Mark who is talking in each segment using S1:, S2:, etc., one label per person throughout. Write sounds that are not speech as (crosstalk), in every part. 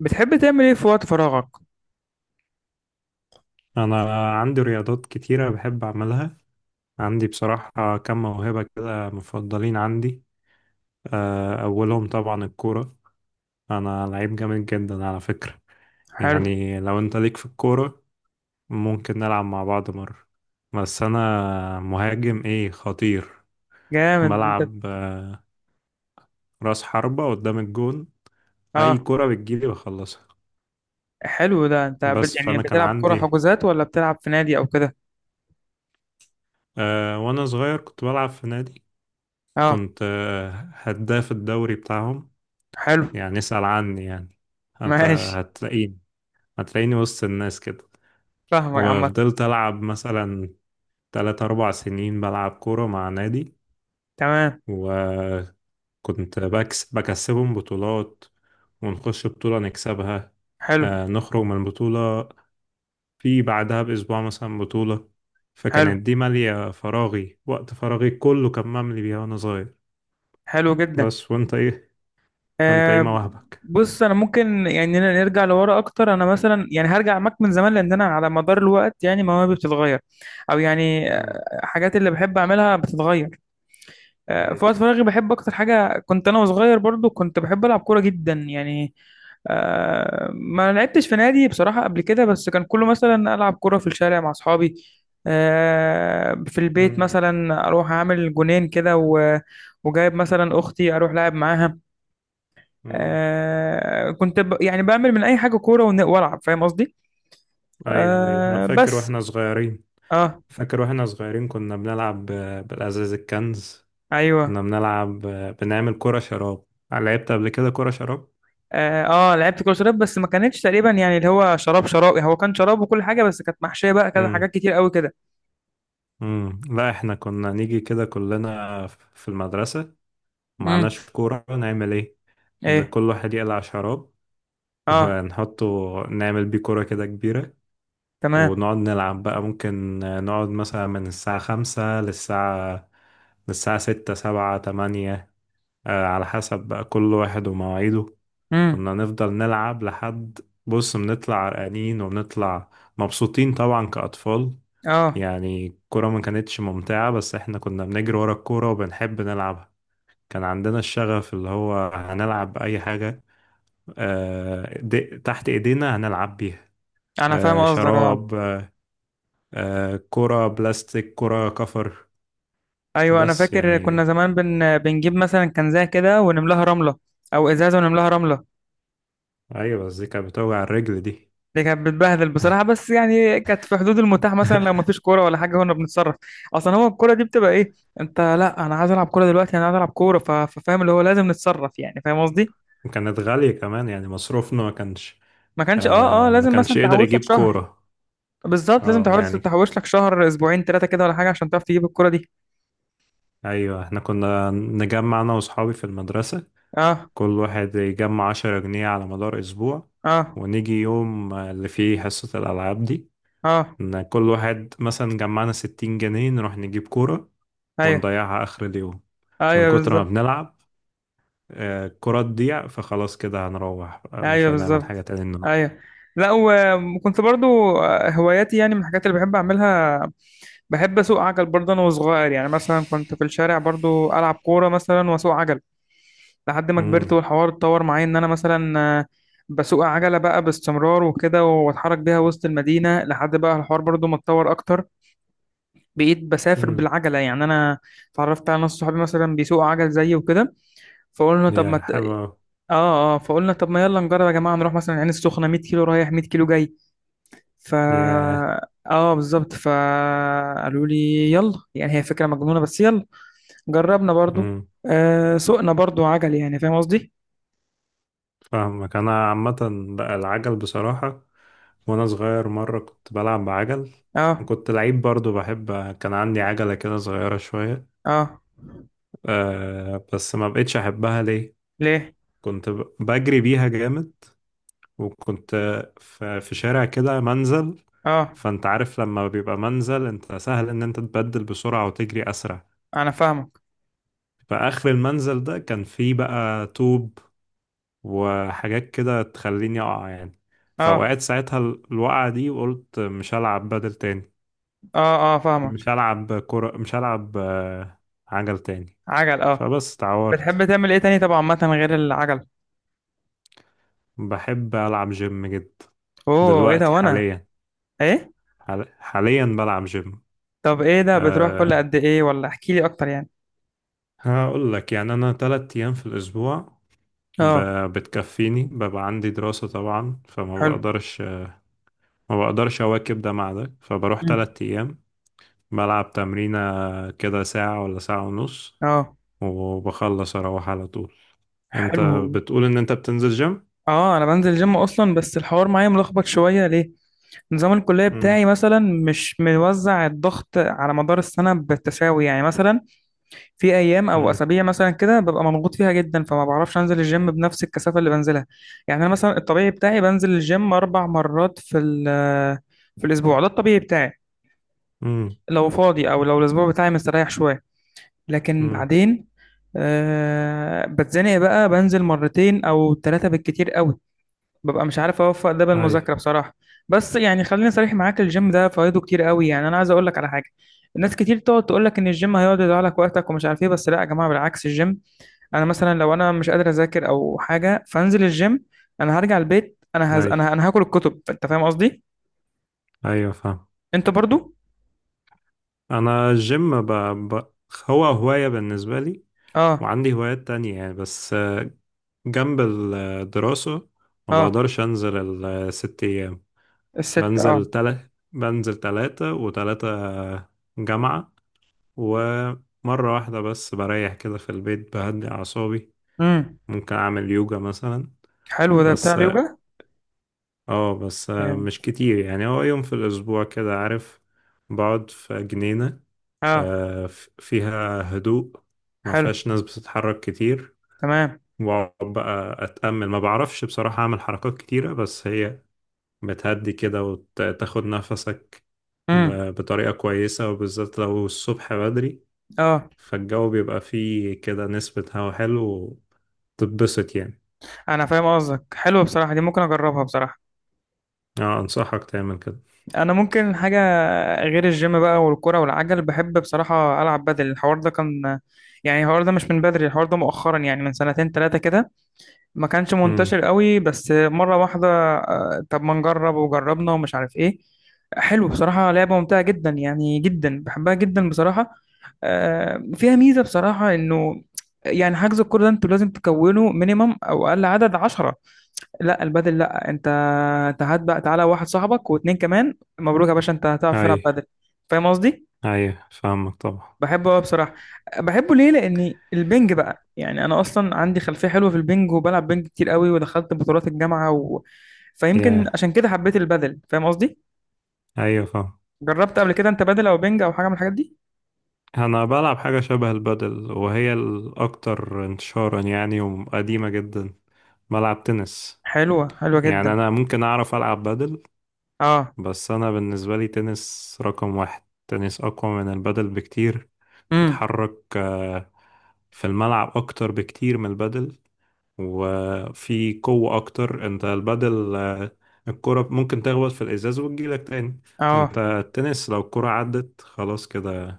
S1: بتحب تعمل ايه في وقت فراغك؟
S2: أنا عندي رياضات كتيرة بحب أعملها. عندي بصراحة كم موهبة كده مفضلين عندي. أولهم طبعا الكورة. أنا لعيب جامد جدا على فكرة.
S1: حلو.
S2: يعني لو أنت ليك في الكورة، ممكن نلعب مع بعض مرة. بس أنا مهاجم إيه خطير.
S1: جامد انت.
S2: بلعب رأس حربة قدام الجون. أي
S1: اه.
S2: كرة بتجيلي بخلصها.
S1: حلو، ده انت
S2: بس
S1: يعني
S2: فأنا كان
S1: بتلعب كرة
S2: عندي
S1: حجوزات ولا بتلعب في نادي او كده؟
S2: وأنا صغير كنت بلعب في نادي.
S1: اه.
S2: كنت هداف الدوري بتاعهم،
S1: حلو.
S2: يعني اسأل عني يعني.
S1: (laughs) ماشي.
S2: هتلاقيني، هتلاقيني وسط الناس كده.
S1: فاهمك عامة.
S2: وفضلت ألعب مثلا تلات أربع سنين بلعب كورة مع نادي،
S1: تمام.
S2: وكنت بكسبهم بطولات. ونخش بطولة نكسبها
S1: حلو.
S2: نخرج من البطولة، في بعدها بأسبوع مثلا بطولة.
S1: حلو،
S2: فكانت دي مالية فراغي، وقت فراغي كله كان مملي بيها وأنا صغير.
S1: حلو جدا.
S2: بس وأنت إيه وأنت إيه
S1: آه
S2: مواهبك؟
S1: بص، انا ممكن يعني نرجع لورا اكتر. انا مثلا يعني هرجع معاك من زمان، لان انا على مدار الوقت يعني مواهبي بتتغير. او يعني
S2: امم.
S1: حاجات اللي بحب اعملها بتتغير.
S2: اي.
S1: في وقت فراغي بحب اكتر حاجه، كنت انا وصغير برضو كنت بحب العب كوره جدا يعني. ما لعبتش في نادي بصراحه قبل كده، بس كان كله مثلا العب كوره في الشارع مع اصحابي. في البيت
S2: امم.
S1: مثلا اروح اعمل جونين كده وجايب مثلا اختي، اروح لعب معاها. كنت يعني بعمل من اي حاجه كوره والعب، فاهم قصدي؟
S2: ايوه، ايوه، انا
S1: آه،
S2: فاكر
S1: بس.
S2: واحنا صغيرين.
S1: اه
S2: فاكر واحنا صغيرين كنا بنلعب بالازاز الكنز.
S1: ايوه
S2: كنا بنلعب بنعمل كرة شراب. لعبت قبل كده كرة شراب؟
S1: اه. لعبت كره شراب، بس ما كانتش تقريبا يعني اللي هو شراب شراب، يعني هو كان شراب وكل حاجه بس كانت محشيه بقى كذا
S2: امم.
S1: حاجات كتير قوي كده.
S2: امم. لا، احنا كنا نيجي كده كلنا في المدرسة،
S1: امم.
S2: معناش كورة نعمل ايه، إن
S1: ايه.
S2: كل واحد يقلع شراب
S1: اه.
S2: ونحطه، نعمل بيه كرة كده كبيرة.
S1: تمام.
S2: ونقعد نلعب بقى، ممكن نقعد مثلا من الساعة خمسة للساعة ستة سبعة تمانية، على حسب بقى كل واحد ومواعيده.
S1: امم.
S2: كنا نفضل نلعب لحد، بص، بنطلع عرقانين وبنطلع مبسوطين طبعا كأطفال.
S1: اه.
S2: يعني الكورة ما كانتش ممتعة بس احنا كنا بنجري ورا الكورة وبنحب نلعبها. كان عندنا الشغف اللي هو هنلعب أي حاجة تحت إيدينا هنلعب بيها.
S1: انا فاهم قصدك. اه.
S2: شراب، كرة بلاستيك، كرة كفر.
S1: ايوه، انا
S2: بس
S1: فاكر كنا
S2: يعني،
S1: زمان بنجيب مثلا كنزه كده ونملاها رمله، او ازازه ونملاها رمله.
S2: أيوة بس دي كانت بتوجع الرجل دي.
S1: دي كانت بتبهدل بصراحه، بس يعني كانت في حدود المتاح، مثلا لو
S2: (laughs)
S1: مفيش كوره ولا حاجه كنا بنتصرف. اصلا هو الكوره دي بتبقى ايه؟ انت، لا انا عايز العب كوره دلوقتي، انا عايز العب كوره ففاهم اللي هو لازم نتصرف، يعني فاهم قصدي.
S2: وكانت غالية كمان يعني مصروفنا ما كانش،
S1: ما كانش، اه، اه،
S2: ما
S1: لازم
S2: كانش
S1: مثلا
S2: يقدر
S1: تحوش لك
S2: يجيب
S1: شهر.
S2: كورة.
S1: بالظبط، لازم
S2: اه
S1: تحاول
S2: يعني،
S1: تحوش لك شهر، اسبوعين، ثلاثه كده ولا حاجه، عشان تعرف تجيب الكرة دي.
S2: ايوه احنا كنا نجمع انا واصحابي في المدرسة،
S1: اه.
S2: كل واحد يجمع 10 جنيه على مدار اسبوع،
S1: اه.
S2: ونيجي يوم اللي فيه حصة الالعاب دي،
S1: اه.
S2: ان كل واحد مثلا جمعنا 60 جنيه نروح نجيب كورة،
S1: ايوه.
S2: ونضيعها اخر اليوم من
S1: ايوه
S2: كتر ما
S1: بالظبط.
S2: بنلعب. الكرة تضيع فخلاص كده هنروح، مش
S1: ايوه
S2: هنعمل حاجة
S1: بالظبط.
S2: تاني النهاردة.
S1: ايوه. لا، وكنت برضو هواياتي، يعني من الحاجات اللي بحب اعملها. بحب اسوق عجل برضه انا وصغير، يعني مثلا كنت في الشارع برضو العب كوره مثلا واسوق عجل. لحد ما كبرت
S2: امم.
S1: والحوار اتطور معايا، ان انا مثلا بسوق عجله بقى باستمرار وكده، واتحرك بيها وسط المدينه، لحد بقى الحوار برضو ما اتطور اكتر. بقيت بسافر
S2: امم.
S1: بالعجله يعني انا. اتعرفت على ناس صحابي مثلا بيسوقوا عجل زيي وكده. فقلنا طب ما
S2: يا حلوة أوي.
S1: اه، اه، فقلنا طب ما يلا نجرب يا جماعه، نروح مثلا العين السخنه 100 كيلو رايح 100 كيلو جاي. ف
S2: ياه.
S1: اه بالظبط، فقالوا لي يلا، يعني هي فكره مجنونه بس يلا. جربنا برضو.
S2: امم.
S1: سوقنا برضو عجل، يعني فاهم قصدي؟
S2: فاهمك انا عامه. بقى العجل بصراحه، وانا صغير مره كنت بلعب بعجل،
S1: اه.
S2: وكنت لعيب برضو بحب، كان عندي عجله كده صغيره شويه.
S1: اه.
S2: أه، بس ما بقتش احبها. ليه؟
S1: ليه؟
S2: كنت بجري بيها جامد، وكنت في شارع كده منزل.
S1: اه.
S2: فانت عارف لما بيبقى منزل انت سهل ان انت تبدل بسرعه وتجري اسرع.
S1: انا فاهمك.
S2: فاخر المنزل ده كان فيه بقى طوب وحاجات كده تخليني اقع يعني.
S1: اه.
S2: فوقعت ساعتها الوقعة دي، وقلت مش هلعب بدل تاني،
S1: اه. اه فاهمك.
S2: مش هلعب كرة، مش هلعب عجل تاني،
S1: عجل، اه.
S2: فبس اتعورت.
S1: بتحب تعمل ايه تاني طبعا، عامه غير العجل؟
S2: بحب ألعب جيم جدا.
S1: اوه، ايه ده؟
S2: دلوقتي
S1: وانا. ايه.
S2: حاليا بلعب جيم.
S1: طب ايه ده، بتروح كل
S2: أه،
S1: قد ايه ولا احكي لي اكتر يعني؟
S2: هقول لك يعني أنا 3 أيام في الأسبوع ب-
S1: اه.
S2: بتكفيني، ببقى عندي دراسة طبعا فما
S1: حلو.
S2: بقدرش، ما بقدرش أواكب ده مع ده، فبروح
S1: مم.
S2: 3 أيام بلعب تمرينة كده ساعة ولا ساعة ونص،
S1: اه.
S2: وبخلص أروح على طول. أنت
S1: حلو.
S2: بتقول إن أنت بتنزل جيم؟
S1: اه، انا بنزل جيم اصلا، بس الحوار معايا ملخبط شويه، ليه؟ نظام الكليه
S2: مم.
S1: بتاعي مثلا مش موزع الضغط على مدار السنه بالتساوي، يعني مثلا في ايام او
S2: مم.
S1: اسابيع مثلا كده ببقى مضغوط فيها جدا، فما بعرفش انزل الجيم بنفس الكثافه اللي بنزلها. يعني انا مثلا الطبيعي بتاعي بنزل الجيم اربع مرات في الاسبوع، ده الطبيعي بتاعي
S2: مم.
S1: لو فاضي، او لو الاسبوع بتاعي مستريح شويه. لكن
S2: مم.
S1: بعدين بتزنق بقى، بنزل مرتين او ثلاثة بالكتير قوي، ببقى مش عارف اوفق ده
S2: أي،
S1: بالمذاكرة بصراحة. بس يعني خليني صريح معاك، الجيم ده فوائده كتير قوي، يعني انا عايز اقول لك على حاجة. الناس كتير تقعد تقول لك ان الجيم هيقعد يضيع لك وقتك ومش عارف ايه، بس لا يا جماعة، بالعكس الجيم. انا مثلا لو انا مش قادر اذاكر او حاجة فانزل الجيم. انا هرجع البيت، انا هز...
S2: أي،
S1: انا انا هاكل الكتب، انت فاهم قصدي.
S2: أيوة، فاهم.
S1: انت برضو؟
S2: أنا الجيم ب... هو هواية بالنسبة لي،
S1: اه.
S2: وعندي هوايات تانية يعني، بس جنب الدراسة ما
S1: اه
S2: بقدرش أنزل الست أيام.
S1: الست، اه.
S2: بنزل 3 و3 جامعة، ومرة واحدة بس بريح كده في البيت بهدي أعصابي.
S1: امم.
S2: ممكن أعمل يوجا مثلا.
S1: حلو ده بتاع
S2: بس
S1: اليوجا؟
S2: اه بس
S1: كام؟
S2: مش كتير يعني، هو يوم في الأسبوع كده، عارف، بقعد في جنينة،
S1: اه.
S2: فيها هدوء، ما
S1: حلو.
S2: فيهاش ناس بتتحرك كتير،
S1: تمام.
S2: وأقعد بقى أتأمل. ما بعرفش بصراحة أعمل حركات كتيرة، بس هي بتهدي كده وتاخد نفسك
S1: امم.
S2: بطريقة كويسة، وبالذات لو الصبح بدري،
S1: اه،
S2: فالجو بيبقى فيه كده نسبة هوا حلو، تتبسط يعني.
S1: انا فاهم قصدك، حلوه بصراحه، دي ممكن اجربها بصراحه.
S2: اه، انصحك تعمل كده.
S1: انا ممكن حاجه. غير الجيم بقى والكرة والعجل، بحب بصراحه العب بدل. الحوار ده كان، يعني الحوار ده مش من بدري، الحوار ده مؤخرا، يعني من سنتين ثلاثه كده ما كانش
S2: امم.
S1: منتشر قوي، بس مره واحده طب ما نجرب، وجربنا ومش عارف ايه. حلو بصراحه، لعبه ممتعه جدا، يعني جدا بحبها جدا بصراحه. فيها ميزه بصراحه، انه يعني حجز الكوره ده، انتوا لازم تكونوا مينيمم او اقل عدد 10. لا البدل، لا انت، انت هات بقى، تعالى واحد صاحبك واتنين كمان، مبروك يا باشا انت هتعرف
S2: اي،
S1: تلعب بدل. فاهم قصدي.
S2: اي، فاهمك طبعا.
S1: بحبه قوي بصراحه. بحبه ليه؟ لاني البنج بقى، يعني انا اصلا عندي خلفيه حلوه في البنج، وبلعب بنج كتير قوي، ودخلت بطولات الجامعه فيمكن
S2: يا
S1: عشان كده حبيت البدل، فاهم قصدي.
S2: ايوه، فاهم.
S1: جربت قبل كده انت بدل او بنج او حاجه من الحاجات دي؟
S2: انا بلعب حاجة شبه البادل، وهي الاكتر انتشارا يعني، وقديمة جدا. بلعب تنس.
S1: حلوه، حلوه
S2: يعني
S1: جدا.
S2: انا ممكن اعرف العب بادل،
S1: اه.
S2: بس انا بالنسبة لي تنس رقم واحد، تنس اقوى من البادل بكتير.
S1: امم.
S2: تتحرك في الملعب اكتر بكتير من البادل، وفي قوة أكتر. أنت البدل الكرة ممكن تخبط في الإزاز وتجيلك تاني.
S1: اه.
S2: أنت التنس لو الكرة عدت خلاص كده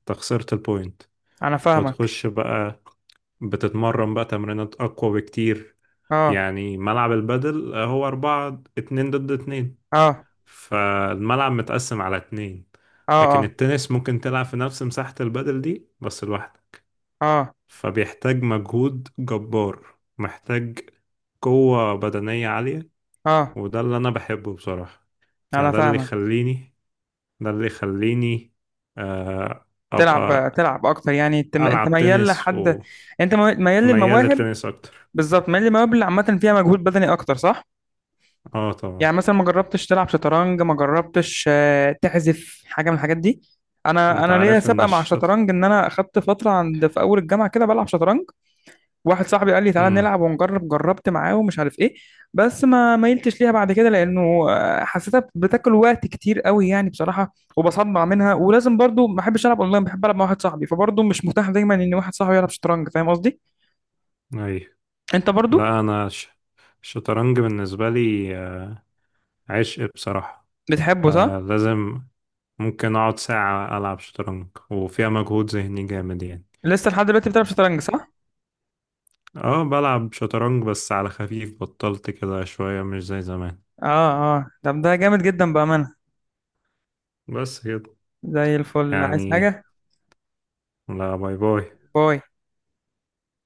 S2: أنت خسرت البوينت،
S1: انا فاهمك.
S2: بتخش بقى بتتمرن بقى تمرينات أقوى بكتير.
S1: اه.
S2: يعني ملعب البدل هو أربعة، اتنين ضد اتنين،
S1: اه.
S2: فالملعب متقسم على اتنين،
S1: اه.
S2: لكن
S1: اه.
S2: التنس ممكن تلعب في نفس مساحة البدل دي بس لوحدك،
S1: اه.
S2: فبيحتاج مجهود جبار، محتاج قوة بدنية عالية،
S1: اه.
S2: وده اللي انا بحبه بصراحة. يعني
S1: انا فاهمك.
S2: ده اللي يخليني آه، ابقى
S1: تلعب اكتر، يعني انت
S2: العب
S1: ميال
S2: تنس،
S1: لحد. انت ميال
S2: وميال
S1: للمواهب.
S2: للتنس اكتر.
S1: بالظبط، ميال للمواهب اللي عامه فيها مجهود بدني اكتر، صح؟
S2: اه طبعا.
S1: يعني مثلا ما جربتش تلعب شطرنج، ما جربتش تحذف حاجه من الحاجات دي؟ انا
S2: انت
S1: انا ليا
S2: عارف ان
S1: سابقه مع
S2: الشط.
S1: الشطرنج، ان انا اخدت فتره عند في اول الجامعه كده بلعب شطرنج. واحد صاحبي قال لي تعالى
S2: امم.
S1: نلعب ونجرب، جربت معاه ومش عارف ايه. بس ما ميلتش ليها بعد كده لانه حسيتها بتاكل وقت كتير قوي، يعني بصراحه وبصدع منها، ولازم برضو ما بحبش العب اونلاين، بحب العب مع واحد صاحبي، فبرضو مش متاح دايما ان واحد صاحبي يلعب شطرنج، فاهم قصدي؟
S2: اي.
S1: انت برضو؟
S2: لا، انا الشطرنج بالنسبة لي عشق بصراحة،
S1: بتحبه صح؟
S2: لازم. ممكن اقعد ساعة العب شطرنج وفيها مجهود ذهني جامد يعني.
S1: لسه لحد دلوقتي بتلعب شطرنج صح؟
S2: اه، بلعب شطرنج بس على خفيف، بطلت كده شوية مش زي زمان.
S1: اه، اه، طب ده جامد جدا بامانه.
S2: بس كده
S1: زي الفل، عايز
S2: يعني.
S1: حاجه؟
S2: لا، باي، باي.
S1: باي.